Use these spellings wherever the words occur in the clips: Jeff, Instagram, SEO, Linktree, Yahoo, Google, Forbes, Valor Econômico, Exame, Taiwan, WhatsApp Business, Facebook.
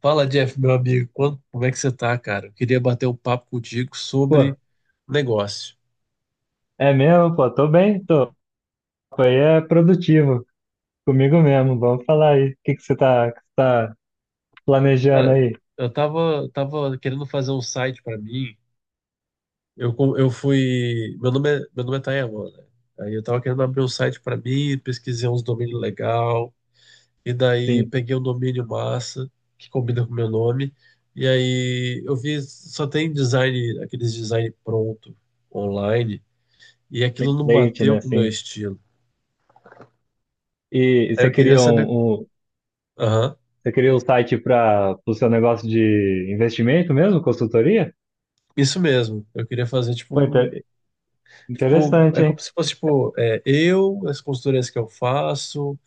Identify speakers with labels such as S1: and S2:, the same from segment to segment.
S1: Fala, Jeff, meu amigo. Como é que você tá, cara? Eu queria bater um papo contigo
S2: Pô,
S1: sobre negócio.
S2: é mesmo, pô, tô bem, tô. Foi é produtivo, comigo mesmo. Vamos falar aí. O que que você tá planejando
S1: Cara,
S2: aí?
S1: eu tava querendo fazer um site pra mim. Eu fui. Meu nome é Taiwan, né? Aí eu tava querendo abrir um site pra mim, pesquisei uns domínios legal. E daí
S2: Sim,
S1: peguei um domínio massa, que combina com o meu nome. E aí eu vi, só tem design, aqueles design pronto online. E aquilo não
S2: template,
S1: bateu
S2: né?
S1: com o meu
S2: Sim.
S1: estilo.
S2: E
S1: Aí
S2: você
S1: eu queria
S2: queria
S1: saber.
S2: um, um-
S1: Aham.
S2: você queria um site para o seu negócio de investimento mesmo, consultoria?
S1: Isso mesmo. Eu queria fazer tipo
S2: Pô,
S1: um,
S2: inter-
S1: tipo,
S2: interessante,
S1: é como
S2: hein?
S1: se fosse tipo, é, eu, as consultorias que eu faço,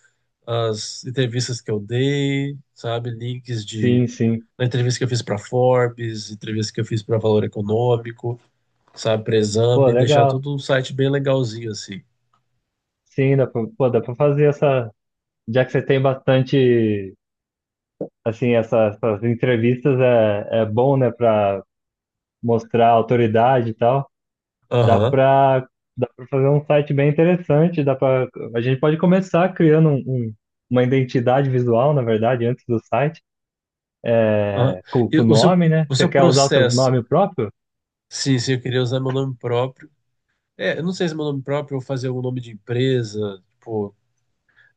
S1: as entrevistas que eu dei, sabe, links de
S2: Sim, sim.
S1: da entrevista que eu fiz para Forbes, entrevista que eu fiz para Valor Econômico, sabe, para
S2: Pô,
S1: Exame, deixar
S2: legal.
S1: tudo um site bem legalzinho assim.
S2: Sim, dá pra, pô, dá pra fazer essa. Já que você tem bastante, assim, essas entrevistas é bom, né, para mostrar autoridade e tal. Dá
S1: Aham.
S2: para dá para fazer um site bem interessante, dá para a gente pode começar criando uma identidade visual, na verdade, antes do site,
S1: Aham.
S2: né? com
S1: E
S2: com o
S1: o seu
S2: nome, né?
S1: o
S2: Você
S1: seu
S2: quer usar o seu
S1: processo?
S2: nome próprio?
S1: Sim, sim, eu queria usar meu nome próprio. É, eu não sei se é meu nome próprio ou fazer algum nome de empresa, tipo,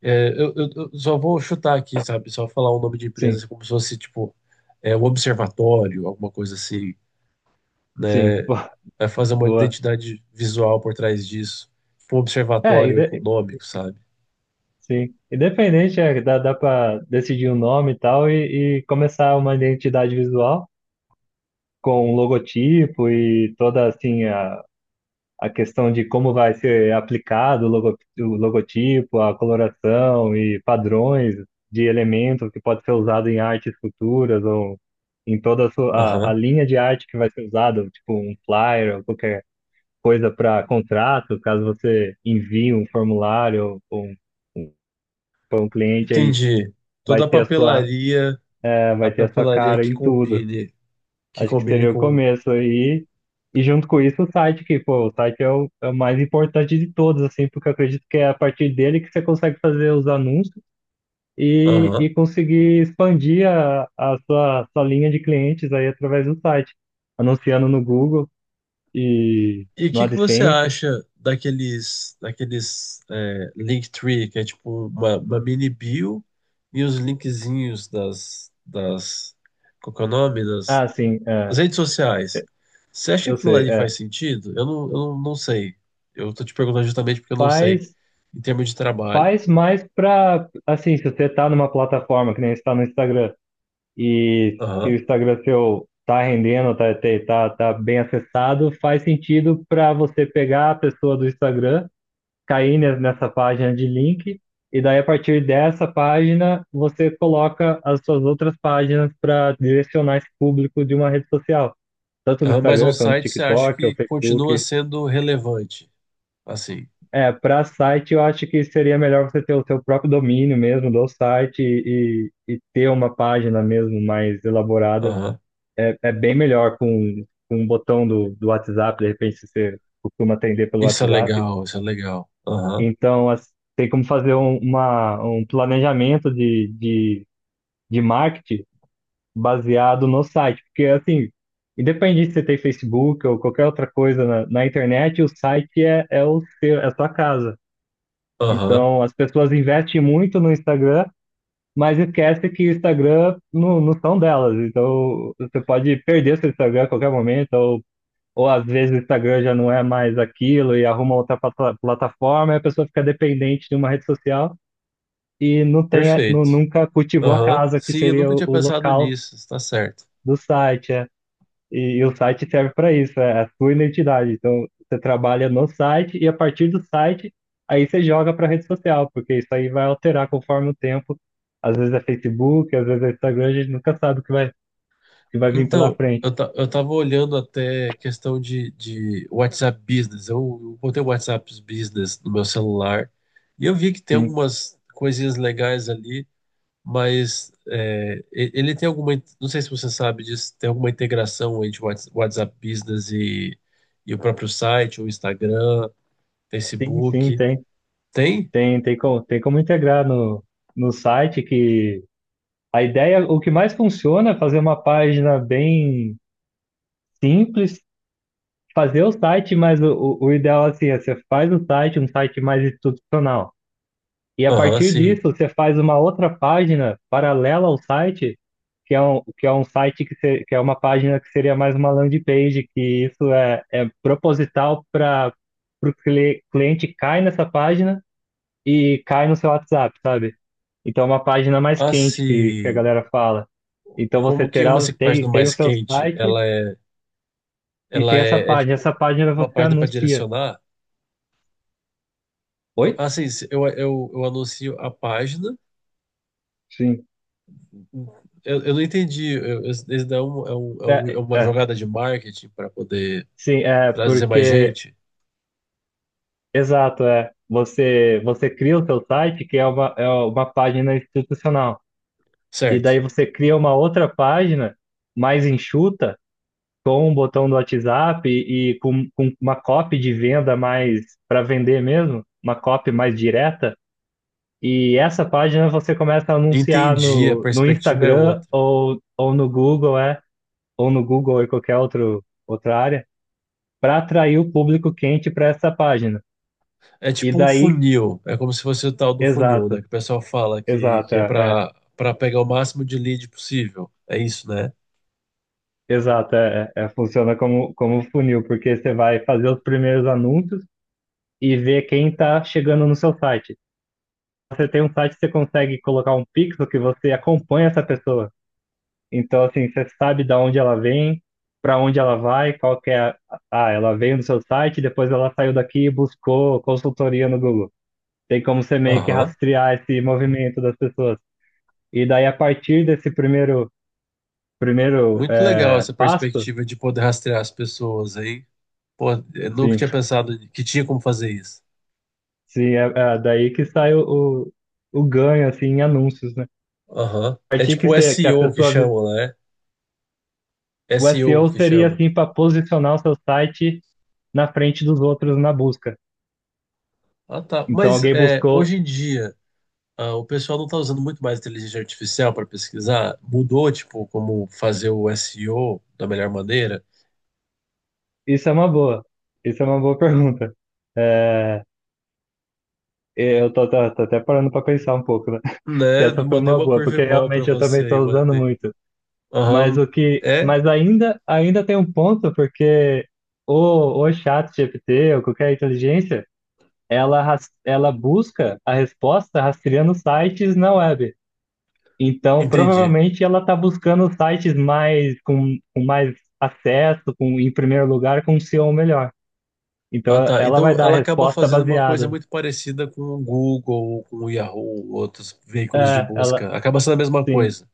S1: é, eu só vou chutar aqui, sabe? Só falar o nome de empresa
S2: Sim,
S1: como se fosse, tipo, é, o observatório, alguma coisa assim,
S2: sim,
S1: né?
S2: boa.
S1: Vai fazer uma
S2: Boa.
S1: identidade visual por trás disso. Tipo, um
S2: É,
S1: observatório econômico, sabe?
S2: sim, independente, é, dá para decidir o nome e tal e começar uma identidade visual com um logotipo e toda, assim, a questão de como vai ser aplicado o logotipo, a coloração e padrões de elementos que pode ser usado em artes futuras ou em toda a
S1: Aham.
S2: linha de arte que vai ser usada, tipo um flyer ou qualquer coisa para contrato, caso você envie um formulário ou para um cliente aí
S1: Entendi.
S2: vai
S1: Toda
S2: ter a sua, eh,
S1: a
S2: vai ter a sua
S1: papelaria
S2: cara em tudo.
S1: que
S2: Acho que
S1: combine
S2: seria o
S1: com.
S2: começo aí. E junto com isso o site, que, pô, o site é o mais importante de todos, assim, porque eu acredito que é a partir dele que você consegue fazer os anúncios e
S1: Aham.
S2: conseguir expandir a sua linha de clientes aí através do site, anunciando no Google e
S1: E o
S2: no
S1: que que você
S2: AdSense.
S1: acha daqueles é, Linktree, que é tipo uma mini bio e os linkzinhos das, das, qual que é o nome? Das,
S2: Ah, sim,
S1: das
S2: é,
S1: redes sociais. Você acha que
S2: eu
S1: aquilo
S2: sei,
S1: ali
S2: é.
S1: faz sentido? Eu não sei. Eu tô te perguntando justamente porque eu não sei
S2: Faz,
S1: em termos de trabalho.
S2: faz mais pra, assim, se você tá numa plataforma que nem está no Instagram. E se o
S1: Aham.
S2: Instagram seu tá rendendo, tá bem acessado, faz sentido para você pegar a pessoa do Instagram, cair nessa página de link, e daí a partir dessa página você coloca as suas outras páginas para direcionar esse público de uma rede social. Tanto no
S1: Aham, mas um
S2: Instagram, quanto no
S1: site você acha
S2: TikTok ou
S1: que continua
S2: Facebook.
S1: sendo relevante? Assim.
S2: É, para site eu acho que seria melhor você ter o seu próprio domínio mesmo do site e ter uma página mesmo mais elaborada.
S1: Aham.
S2: É bem melhor com um botão do WhatsApp, de repente se você costuma atender pelo
S1: Isso é
S2: WhatsApp.
S1: legal, isso é legal. Aham.
S2: Então, tem como fazer um planejamento de marketing baseado no site. Porque, assim, independente se você tem Facebook ou qualquer outra coisa na internet, o site é a sua casa.
S1: Aham.
S2: Então, as pessoas investem muito no Instagram, mas esquece que o Instagram não são delas. Então, você pode perder seu Instagram a qualquer momento, ou às vezes o Instagram já não é mais aquilo e arruma outra plataforma, e a pessoa fica dependente de uma rede social e não tem, não
S1: Perfeito.
S2: nunca cultivou a
S1: Aham.
S2: casa, que
S1: Sim, eu
S2: seria
S1: nunca
S2: o,
S1: tinha
S2: o
S1: pensado
S2: local
S1: nisso, está certo.
S2: do site. É. E o site serve para isso, é a sua identidade. Então, você trabalha no site e a partir do site, aí você joga para a rede social, porque isso aí vai alterar conforme o tempo. Às vezes é Facebook, às vezes é Instagram, a gente nunca sabe o que vai vir pela
S1: Então,
S2: frente.
S1: eu tava olhando até questão de WhatsApp Business. Eu botei o WhatsApp Business no meu celular e eu vi que tem
S2: Sim,
S1: algumas coisinhas legais ali, mas é, ele tem alguma, não sei se você sabe disso, tem alguma integração entre o WhatsApp Business e o próprio site, o Instagram,
S2: sim, sim,
S1: Facebook.
S2: tem.
S1: Tem?
S2: Tem como integrar no site que a ideia, o que mais funciona é fazer uma página bem simples, fazer o site, mas o ideal assim é você faz o site, um site mais institucional. E a
S1: Aham,
S2: partir
S1: sim.
S2: disso, você faz uma outra página paralela ao site, que é um site que, se- que é uma página que seria mais uma landing page, que isso é proposital para o cliente cai nessa página e cai no seu WhatsApp, sabe? Então é uma página mais
S1: Ah,
S2: quente que a
S1: sim.
S2: galera fala. Então você
S1: Como que uma
S2: terá, tem,
S1: página
S2: tem o
S1: mais
S2: seu
S1: quente,
S2: site e
S1: ela
S2: tem essa
S1: é, é
S2: página.
S1: tipo
S2: Essa página
S1: uma
S2: você
S1: página para
S2: anuncia.
S1: direcionar?
S2: Oi?
S1: Ah, sim, eu anuncio a página.
S2: Sim.
S1: Eu não entendi. Esse daí é, é
S2: É,
S1: uma
S2: é,
S1: jogada de marketing para poder
S2: sim, é
S1: para dizer mais
S2: porque,
S1: gente,
S2: exato, é. Você cria o seu site, que é uma página institucional. E daí
S1: certo?
S2: você cria uma outra página mais enxuta com o botão do WhatsApp e com uma copy de venda mais para vender mesmo, uma copy mais direta. E essa página você começa a anunciar
S1: Entendi, a
S2: no
S1: perspectiva é
S2: Instagram
S1: outra.
S2: ou no Google ou qualquer outra área, para atrair o público quente para essa página.
S1: É
S2: E
S1: tipo um
S2: daí,
S1: funil, é como se fosse o tal do funil, né?
S2: exato,
S1: Que o pessoal fala
S2: exato,
S1: que é para pegar o máximo de lead possível. É isso, né?
S2: exato, funciona como funil, porque você vai fazer os primeiros anúncios e ver quem está chegando no seu site. Você tem um site, você consegue colocar um pixel que você acompanha essa pessoa. Então, assim, você sabe da onde ela vem, para onde ela vai, qual que é a. Ah, ela veio no seu site, depois ela saiu daqui e buscou consultoria no Google. Tem como você meio que
S1: Aham.
S2: rastrear esse movimento das pessoas. E daí, a partir desse primeiro
S1: Muito legal essa
S2: passo,
S1: perspectiva de poder rastrear as pessoas aí. Pô, eu nunca
S2: sim,
S1: tinha pensado que tinha como fazer isso.
S2: sim, é daí que sai o ganho, assim, em anúncios, né?
S1: Aham.
S2: A
S1: É
S2: partir que,
S1: tipo
S2: você, que a
S1: SEO que
S2: pessoa.
S1: chamam, né?
S2: O
S1: SEO
S2: SEO
S1: que
S2: seria,
S1: chama.
S2: assim, para posicionar o seu site na frente dos outros na busca.
S1: Ah, tá.
S2: Então
S1: Mas
S2: alguém
S1: é,
S2: buscou.
S1: hoje em dia, ah, o pessoal não está usando muito mais inteligência artificial para pesquisar. Mudou, tipo, como fazer o SEO da melhor maneira,
S2: Isso é uma boa. Isso é uma boa pergunta. É, eu tô até parando para pensar um pouco, né? Que
S1: né?
S2: essa foi
S1: Mandei
S2: uma
S1: uma
S2: boa, porque
S1: curveball para
S2: realmente eu também
S1: você aí,
S2: estou usando
S1: mandei.
S2: muito. Mas
S1: Aham,
S2: o que,
S1: é?
S2: mas ainda tem um ponto, porque o chat GPT ou qualquer inteligência, ela busca a resposta rastreando sites na web. Então,
S1: Entendi.
S2: provavelmente ela está buscando sites mais com mais acesso, em primeiro lugar, com um SEO melhor. Então,
S1: Ah, tá.
S2: ela vai
S1: Então
S2: dar a
S1: ela acaba
S2: resposta
S1: fazendo uma coisa
S2: baseada.
S1: muito parecida com o Google, com o Yahoo, outros veículos de
S2: É,
S1: busca. Acaba sendo a mesma
S2: sim,
S1: coisa.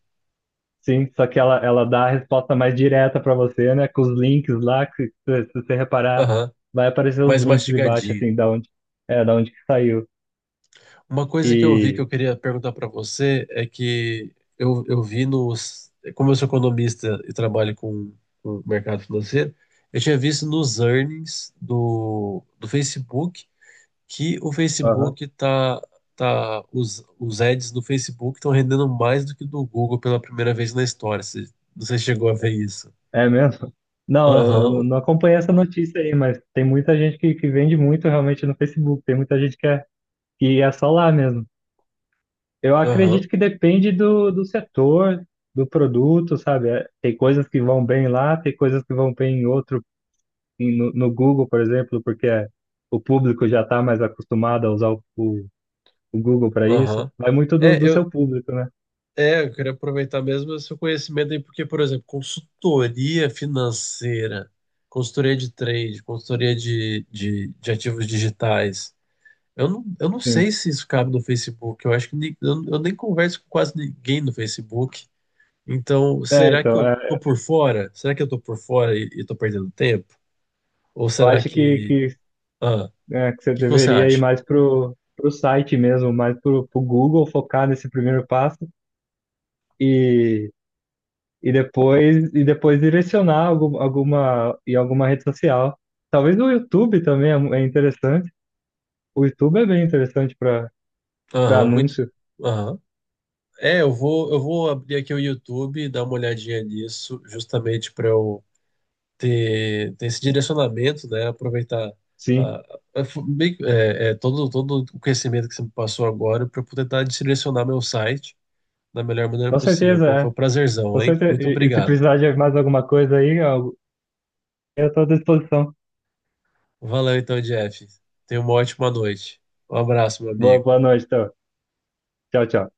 S2: sim. Só que ela dá a resposta mais direta para você, né? Com os links lá, que se você reparar,
S1: Aham,
S2: vai aparecer os
S1: mais
S2: links embaixo,
S1: mastigadinho.
S2: assim, da onde que saiu.
S1: Uma coisa que eu vi que
S2: E,
S1: eu queria perguntar para você é que eu vi nos. Como eu sou economista e trabalho com o mercado financeiro, eu tinha visto nos earnings do Facebook que o
S2: aham,
S1: Facebook, os ads do Facebook estão rendendo mais do que do Google pela primeira vez na história. Você chegou a ver isso?
S2: é mesmo? Não, eu não
S1: Aham,
S2: não acompanhei essa notícia aí, mas tem muita gente que vende muito realmente no Facebook. Tem muita gente que é. E é só lá mesmo. Eu
S1: aham,
S2: acredito que depende do setor, do produto, sabe? É, tem coisas que vão bem lá, tem coisas que vão bem em outro, em- no, no Google, por exemplo, porque o público já está mais acostumado a usar o Google para isso.
S1: aham.
S2: Vai muito do,
S1: É,
S2: do
S1: eu
S2: seu público, né?
S1: É, eu queria aproveitar mesmo esse seu conhecimento aí, porque, por exemplo, consultoria financeira, consultoria de trade, consultoria de ativos digitais. Eu não
S2: Sim.
S1: sei se isso cabe no Facebook. Eu acho que eu nem converso com quase ninguém no Facebook. Então,
S2: É,
S1: será que
S2: então,
S1: eu tô por fora? Será que eu tô por fora e tô perdendo tempo? Ou
S2: eu
S1: será
S2: acho que,
S1: que.
S2: que,
S1: Ah, o
S2: é, que você
S1: que que você
S2: deveria ir
S1: acha?
S2: mais pro site mesmo, mais pro Google, focar nesse primeiro passo. E depois direcionar algum, alguma em alguma rede social. Talvez o YouTube também é interessante. O YouTube é bem interessante para
S1: Aham, muito.
S2: anúncio.
S1: Aham. É, eu vou abrir aqui o YouTube, e dar uma olhadinha nisso, justamente para eu ter, ter esse direcionamento, né? Aproveitar
S2: Sim,
S1: a, a- fu- meio que- é, é, todo, todo o conhecimento que você me passou agora para poder tentar direcionar meu site da melhor maneira
S2: com
S1: possível.
S2: certeza
S1: Pô,
S2: é.
S1: foi um prazerzão,
S2: Com
S1: hein?
S2: certeza.
S1: Muito
S2: E se
S1: obrigado.
S2: precisar de mais alguma coisa aí, eu estou à disposição.
S1: Valeu então, Jeff. Tenha uma ótima noite. Um abraço, meu
S2: Boa,
S1: amigo.
S2: boa noite, então. Tchau, tchau.